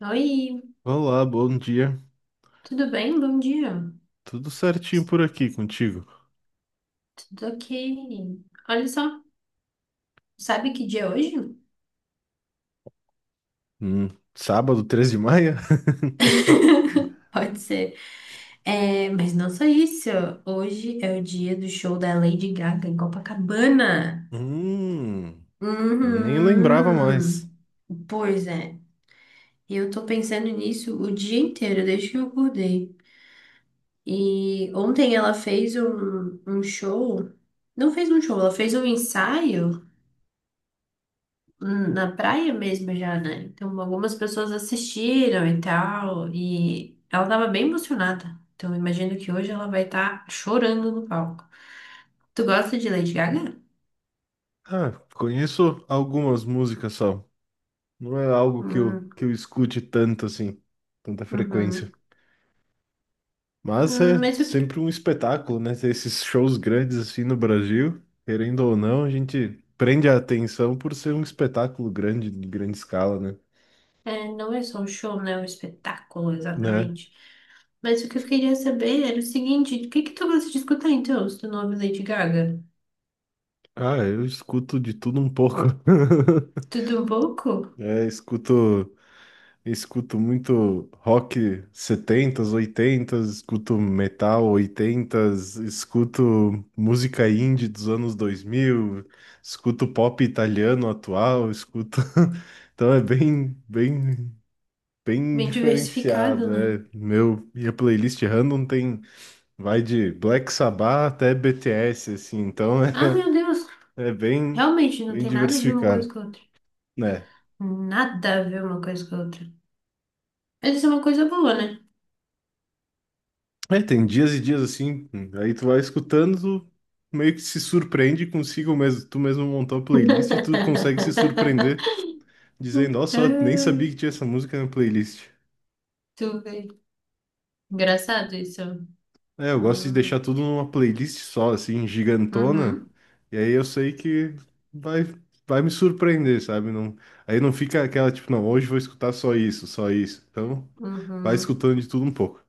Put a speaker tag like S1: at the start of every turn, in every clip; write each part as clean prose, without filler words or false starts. S1: Oi,
S2: Olá, bom dia.
S1: tudo bem? Bom dia.
S2: Tudo
S1: T-
S2: certinho por aqui contigo?
S1: Tudo ok. Olha só, sabe que dia é hoje?
S2: Hum, sábado, 13 de maio?
S1: Pode ser. É, mas não só isso. Hoje é o dia do show da Lady Gaga em Copacabana.
S2: Hum, nem lembrava mais.
S1: Uhum. Pois é. Eu tô pensando nisso o dia inteiro, desde que eu acordei. E ontem ela fez um show. Não fez um show, ela fez um ensaio na praia mesmo já, né? Então algumas pessoas assistiram e tal, e ela tava bem emocionada. Então eu imagino que hoje ela vai estar chorando no palco. Tu gosta de Lady Gaga?
S2: Ah, conheço algumas músicas só. Não é algo que eu,
S1: Hum,
S2: que eu escute tanto assim, tanta
S1: uhum.
S2: frequência. Mas é
S1: Mas o que...
S2: sempre um espetáculo, né? Ter esses shows grandes assim no Brasil, querendo ou não, a gente prende a atenção por ser um espetáculo grande, de grande escala, né?
S1: é, não é só um show, né? É um espetáculo,
S2: Né?
S1: exatamente. Mas o que eu queria saber era o seguinte, o que que tu gosta de escutar então, se tu não ouve Lady Gaga?
S2: Ah, eu escuto de tudo um pouco.
S1: Tudo um pouco?
S2: É, escuto, escuto muito rock setentas oitentas escuto metal oitentas escuto música indie dos anos 2000 escuto pop italiano atual, escuto. Então é bem, bem, bem
S1: Bem diversificado,
S2: diferenciado.
S1: né?
S2: É, minha playlist random tem, vai de Black Sabbath até BTS, assim, então
S1: Ah,
S2: é,
S1: meu Deus!
S2: é bem,
S1: Realmente, não
S2: bem
S1: tem nada a ver uma
S2: diversificado,
S1: coisa com a outra.
S2: né?
S1: Nada a ver uma coisa com a outra. Mas isso é uma coisa boa, né?
S2: É, tem dias e dias assim, aí tu vai escutando, tu meio que se surpreende consigo mesmo, tu mesmo montou a playlist e tu consegue se surpreender, dizendo, ó, só nem sabia
S1: Ai,
S2: que tinha essa música na playlist.
S1: tu vê. Engraçado isso.
S2: É, eu gosto de deixar
S1: Hum,
S2: tudo numa playlist só, assim, gigantona,
S1: uhum,
S2: e aí eu sei que vai, vai me surpreender, sabe? Não, aí não fica aquela, tipo, não, hoje vou escutar só isso, só isso. Então, vai
S1: uhum,
S2: escutando de tudo um pouco.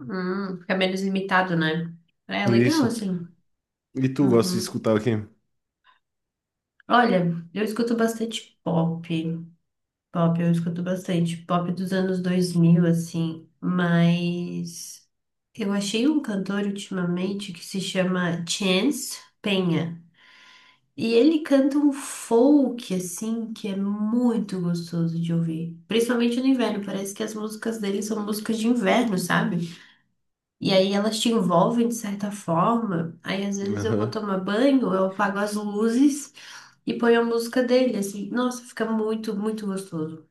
S1: uhum. Fica menos limitado, né? É legal,
S2: Isso.
S1: assim.
S2: E tu gosta de
S1: Uhum.
S2: escutar o quê?
S1: Olha, eu escuto bastante pop. Pop, eu escuto bastante. Pop dos anos 2000 assim. Mas eu achei um cantor ultimamente que se chama Chance Penha. E ele canta um folk, assim, que é muito gostoso de ouvir. Principalmente no inverno, parece que as músicas dele são músicas de inverno, sabe? E aí elas te envolvem de certa forma. Aí às vezes eu vou
S2: Aham.
S1: tomar banho, eu apago as luzes e ponho a música dele, assim. Nossa, fica muito, muito gostoso.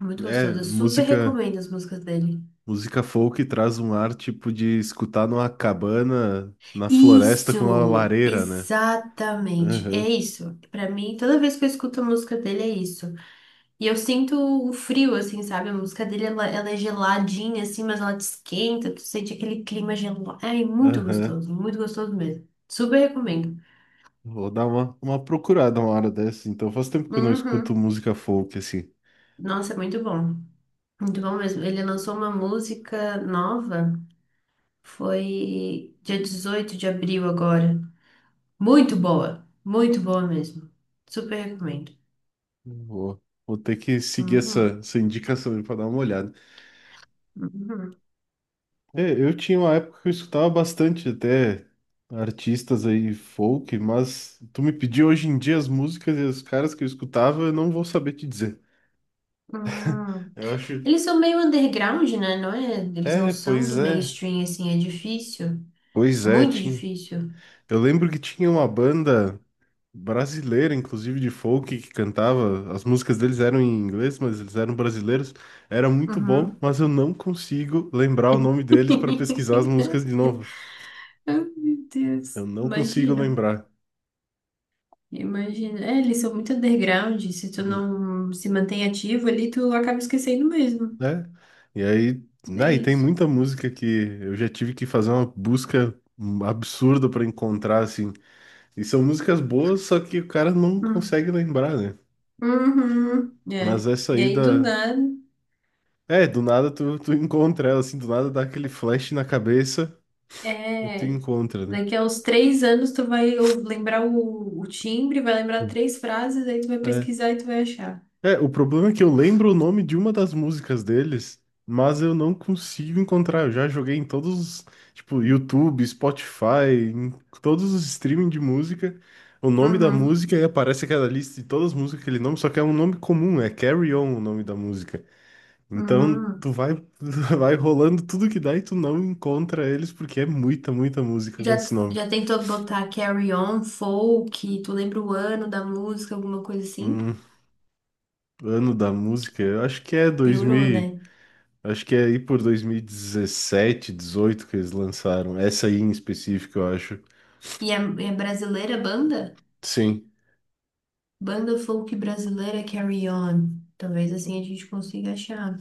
S1: Muito
S2: É,
S1: gostoso. Eu super
S2: música.
S1: recomendo as músicas dele.
S2: Música folk traz um ar tipo de escutar numa cabana na floresta com uma
S1: Isso!
S2: lareira, né?
S1: Exatamente. É
S2: Aham,
S1: isso. Pra mim, toda vez que eu escuto a música dele, é isso. E eu sinto o frio, assim, sabe? A música dele, ela é geladinha, assim, mas ela te esquenta, tu sente aquele clima gelado. É
S2: aham.
S1: muito gostoso mesmo. Super recomendo.
S2: Vou dar uma procurada uma hora dessa, então faz tempo que eu não escuto
S1: Uhum.
S2: música folk assim.
S1: Nossa, é muito bom. Muito bom mesmo. Ele lançou uma música nova, foi dia 18 de abril agora. Muito boa mesmo. Super recomendo.
S2: Vou, vou ter que seguir
S1: Uhum.
S2: essa indicação para dar uma olhada.
S1: Uhum.
S2: É, eu tinha uma época que eu escutava bastante até artistas aí folk, mas tu me pediu hoje em dia as músicas e os caras que eu escutava, eu não vou saber te dizer.
S1: Uhum.
S2: Eu acho.
S1: Eles são meio underground, né? Não é? Eles não
S2: É,
S1: são
S2: pois
S1: do
S2: é.
S1: mainstream, assim, é difícil.
S2: Pois é,
S1: Muito
S2: tinha.
S1: difícil.
S2: Eu lembro que tinha uma banda brasileira, inclusive de folk, que cantava. As músicas deles eram em inglês, mas eles eram brasileiros. Era muito bom,
S1: Uhum.
S2: mas eu não consigo lembrar o nome deles para pesquisar as músicas de novo.
S1: Ai, meu
S2: Eu
S1: Deus.
S2: não consigo
S1: Imagino.
S2: lembrar,
S1: Imagino. É, eles são muito underground. Se tu
S2: Hum,
S1: não se mantém ativo ali, tu acaba esquecendo mesmo.
S2: né? E aí,
S1: É
S2: né, e tem
S1: isso.
S2: muita música que eu já tive que fazer uma busca absurda para encontrar, assim. E são músicas boas, só que o cara não
S1: Hum.
S2: consegue lembrar, né?
S1: Uhum.
S2: Mas
S1: É.
S2: essa
S1: E
S2: aí
S1: aí, do
S2: da,
S1: nada,
S2: É, do nada tu encontra ela, assim, do nada dá aquele flash na cabeça e tu
S1: é.
S2: encontra, né?
S1: Daqui a uns 3 anos, tu vai lembrar o timbre, vai lembrar
S2: Hum.
S1: três frases, aí tu vai
S2: É.
S1: pesquisar e tu vai achar.
S2: É, o problema é que eu lembro o nome de uma das músicas deles, mas eu não consigo encontrar. Eu já joguei em todos, os, tipo, YouTube, Spotify, em todos os streaming de música, o nome da
S1: Uhum.
S2: música e aparece aquela lista de todas as músicas, aquele nome, só que é um nome comum, é Carry On o nome da música. Então tu
S1: Uhum.
S2: vai, tu vai rolando tudo que dá e tu não encontra eles porque é muita, muita música com
S1: Já,
S2: esse nome.
S1: já tentou botar Carry On, Folk, tu lembra o ano da música, alguma coisa assim?
S2: Hum, ano da música, eu acho que é dois
S1: Piorou,
S2: mil
S1: né?
S2: acho que é aí por 2017 18 que eles lançaram. Essa aí em específico, eu acho.
S1: E é, é brasileira a banda?
S2: Sim,
S1: Banda folk brasileira Carry On. Talvez assim a gente consiga achar.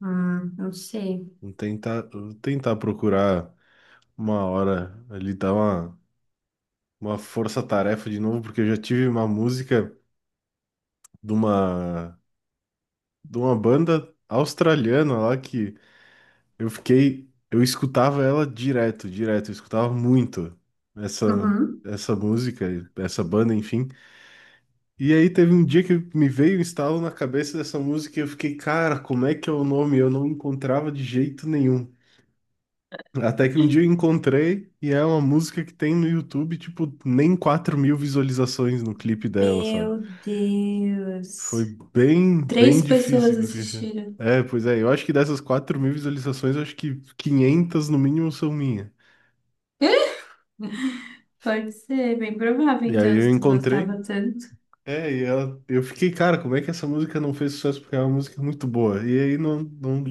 S1: Não sei.
S2: vou tentar procurar uma hora ali dar uma força-tarefa de novo, porque eu já tive uma música de uma, de uma banda australiana lá que eu fiquei, eu escutava ela direto, direto, eu escutava muito essa,
S1: Uhum.
S2: essa música, essa banda, enfim. E aí teve um dia que me veio um estalo na cabeça dessa música e eu fiquei, cara, como é que é o nome? Eu não encontrava de jeito nenhum. Até que um dia eu encontrei e é uma música que tem no YouTube, tipo, nem 4.000 visualizações no clipe dela, sabe?
S1: Meu Deus.
S2: Foi bem, bem
S1: Três
S2: difícil
S1: pessoas
S2: conseguir achar.
S1: assistiram.
S2: É, pois é, eu acho que dessas 4.000 visualizações, eu acho que 500 no mínimo são minhas.
S1: Pode ser, bem provável,
S2: E aí
S1: então,
S2: eu
S1: se tu
S2: encontrei,
S1: gostava tanto.
S2: É, e ela, eu fiquei, cara, como é que essa música não fez sucesso? Porque é uma música muito boa. E aí não, não,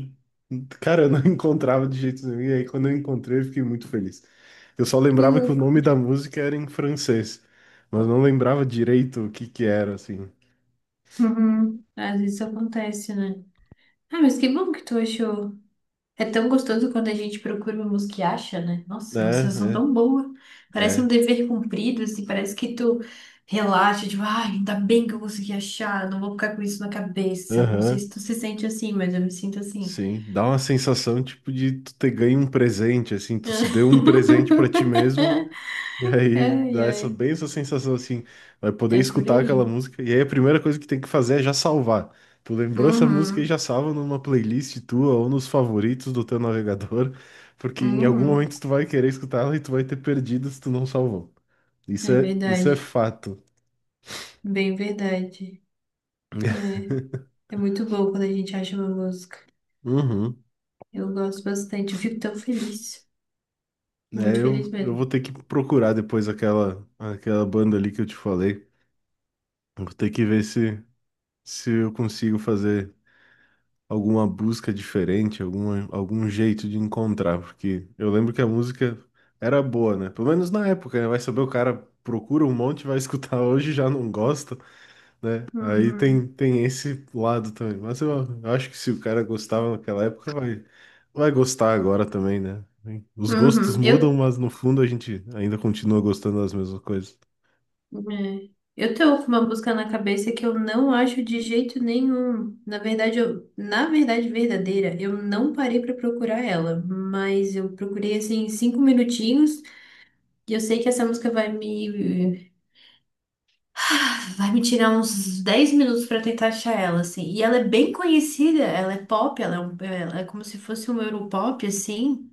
S2: cara, eu não encontrava de jeito nenhum. E aí quando eu encontrei, eu fiquei muito feliz. Eu só
S1: Que
S2: lembrava que o
S1: louco.
S2: nome da música era em francês, mas não lembrava direito o que que era, assim.
S1: Uhum. Às vezes isso acontece, né? Ah, mas que bom que tu achou. É tão gostoso quando a gente procura uma música e acha, né? Nossa, vocês são
S2: É,
S1: tão boa.
S2: é,
S1: Parece um
S2: é.
S1: dever cumprido, assim, parece que tu relaxa, tipo, ai, ainda bem que eu consegui achar, não vou ficar com isso na cabeça. Não sei se
S2: Aham,
S1: tu se sente assim, mas eu me sinto assim.
S2: sim. Dá uma sensação, tipo, de tu ter ganho um presente, assim, tu se deu um presente pra ti mesmo. E aí
S1: Ai,
S2: dá essa
S1: ai,
S2: bem essa sensação assim, vai poder
S1: é por
S2: escutar aquela
S1: aí.
S2: música. E aí a primeira coisa que tem que fazer é já salvar. Tu lembrou essa música e
S1: Uhum,
S2: já salva numa playlist tua ou nos favoritos do teu navegador, porque em algum
S1: uhum,
S2: momento tu vai querer escutar ela e tu vai ter perdido se tu não salvou.
S1: é
S2: Isso é
S1: verdade,
S2: fato.
S1: bem verdade. É, é muito bom quando a gente acha uma música.
S2: Uhum.
S1: Eu gosto bastante, eu fico tão feliz,
S2: É,
S1: muito
S2: eu,
S1: feliz
S2: eu vou
S1: mesmo.
S2: ter que procurar depois aquela banda ali que eu te falei. Vou ter que ver se eu consigo fazer alguma busca diferente, algum jeito de encontrar, porque eu lembro que a música era boa, né? Pelo menos na época, né? Vai saber o cara procura um monte, vai escutar hoje e já não gosta, né? Aí tem,
S1: Uhum.
S2: tem esse lado também. Mas eu acho que se o cara gostava naquela época, vai gostar agora também, né? Os gostos
S1: Uhum.
S2: mudam, mas no fundo a gente ainda continua gostando das mesmas coisas.
S1: É, eu tô com uma música na cabeça que eu não acho de jeito nenhum. Na verdade, na verdade verdadeira, eu não parei pra procurar ela, mas eu procurei assim 5 minutinhos e eu sei que essa música vai me tirar uns 10 minutos pra tentar achar ela assim. E ela é bem conhecida, ela é pop, ela é como se fosse um Europop assim.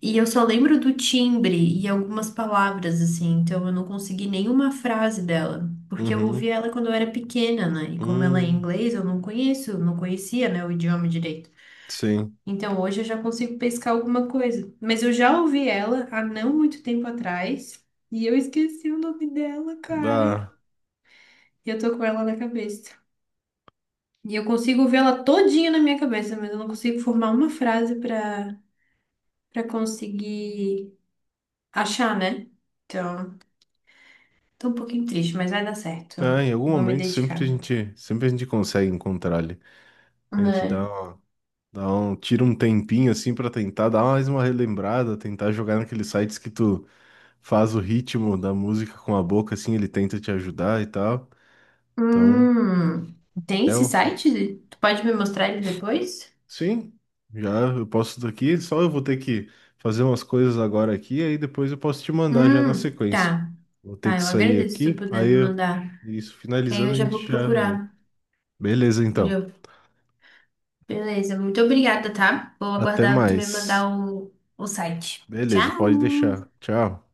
S1: E eu só lembro do timbre e algumas palavras, assim, então eu não consegui nenhuma frase dela, porque eu ouvi
S2: Uhum.
S1: ela quando eu era pequena, né? E como ela é em
S2: Hum,
S1: inglês, eu não conheço, não conhecia, né, o idioma direito.
S2: sim.
S1: Então hoje eu já consigo pescar alguma coisa. Mas eu já ouvi ela há não muito tempo atrás e eu esqueci o nome dela,
S2: Dá.
S1: cara. E eu tô com ela na cabeça. E eu consigo ver ela todinha na minha cabeça, mas eu não consigo formar uma frase pra conseguir achar, né? Então. Tô um pouquinho triste, mas vai dar certo.
S2: Ah, em algum
S1: Vou me
S2: momento sempre
S1: dedicar.
S2: a gente, sempre a gente consegue encontrar ali. A gente dá,
S1: Né?
S2: uma- dá um, tira um tempinho assim pra tentar dar mais uma relembrada, tentar jogar naqueles sites que tu faz o ritmo da música com a boca, assim, ele tenta te ajudar e tal. Então,
S1: Hum, tem
S2: é
S1: esse
S2: o...
S1: site? Tu pode me mostrar ele depois?
S2: Sim, já eu posso daqui, só eu vou ter que fazer umas coisas agora aqui, aí depois eu posso te mandar já na sequência.
S1: Tá.
S2: Vou ter
S1: Tá,
S2: que
S1: eu
S2: sair
S1: agradeço se tu
S2: aqui,
S1: puder me mandar.
S2: isso,
S1: Que aí
S2: finalizando
S1: eu
S2: a
S1: já
S2: gente
S1: vou
S2: já vê.
S1: procurar.
S2: Beleza,
S1: Eu
S2: então.
S1: já- Beleza, muito obrigada, tá? Vou
S2: Até
S1: aguardar tu me
S2: mais.
S1: mandar o site. Tchau!
S2: Beleza, pode deixar. Tchau.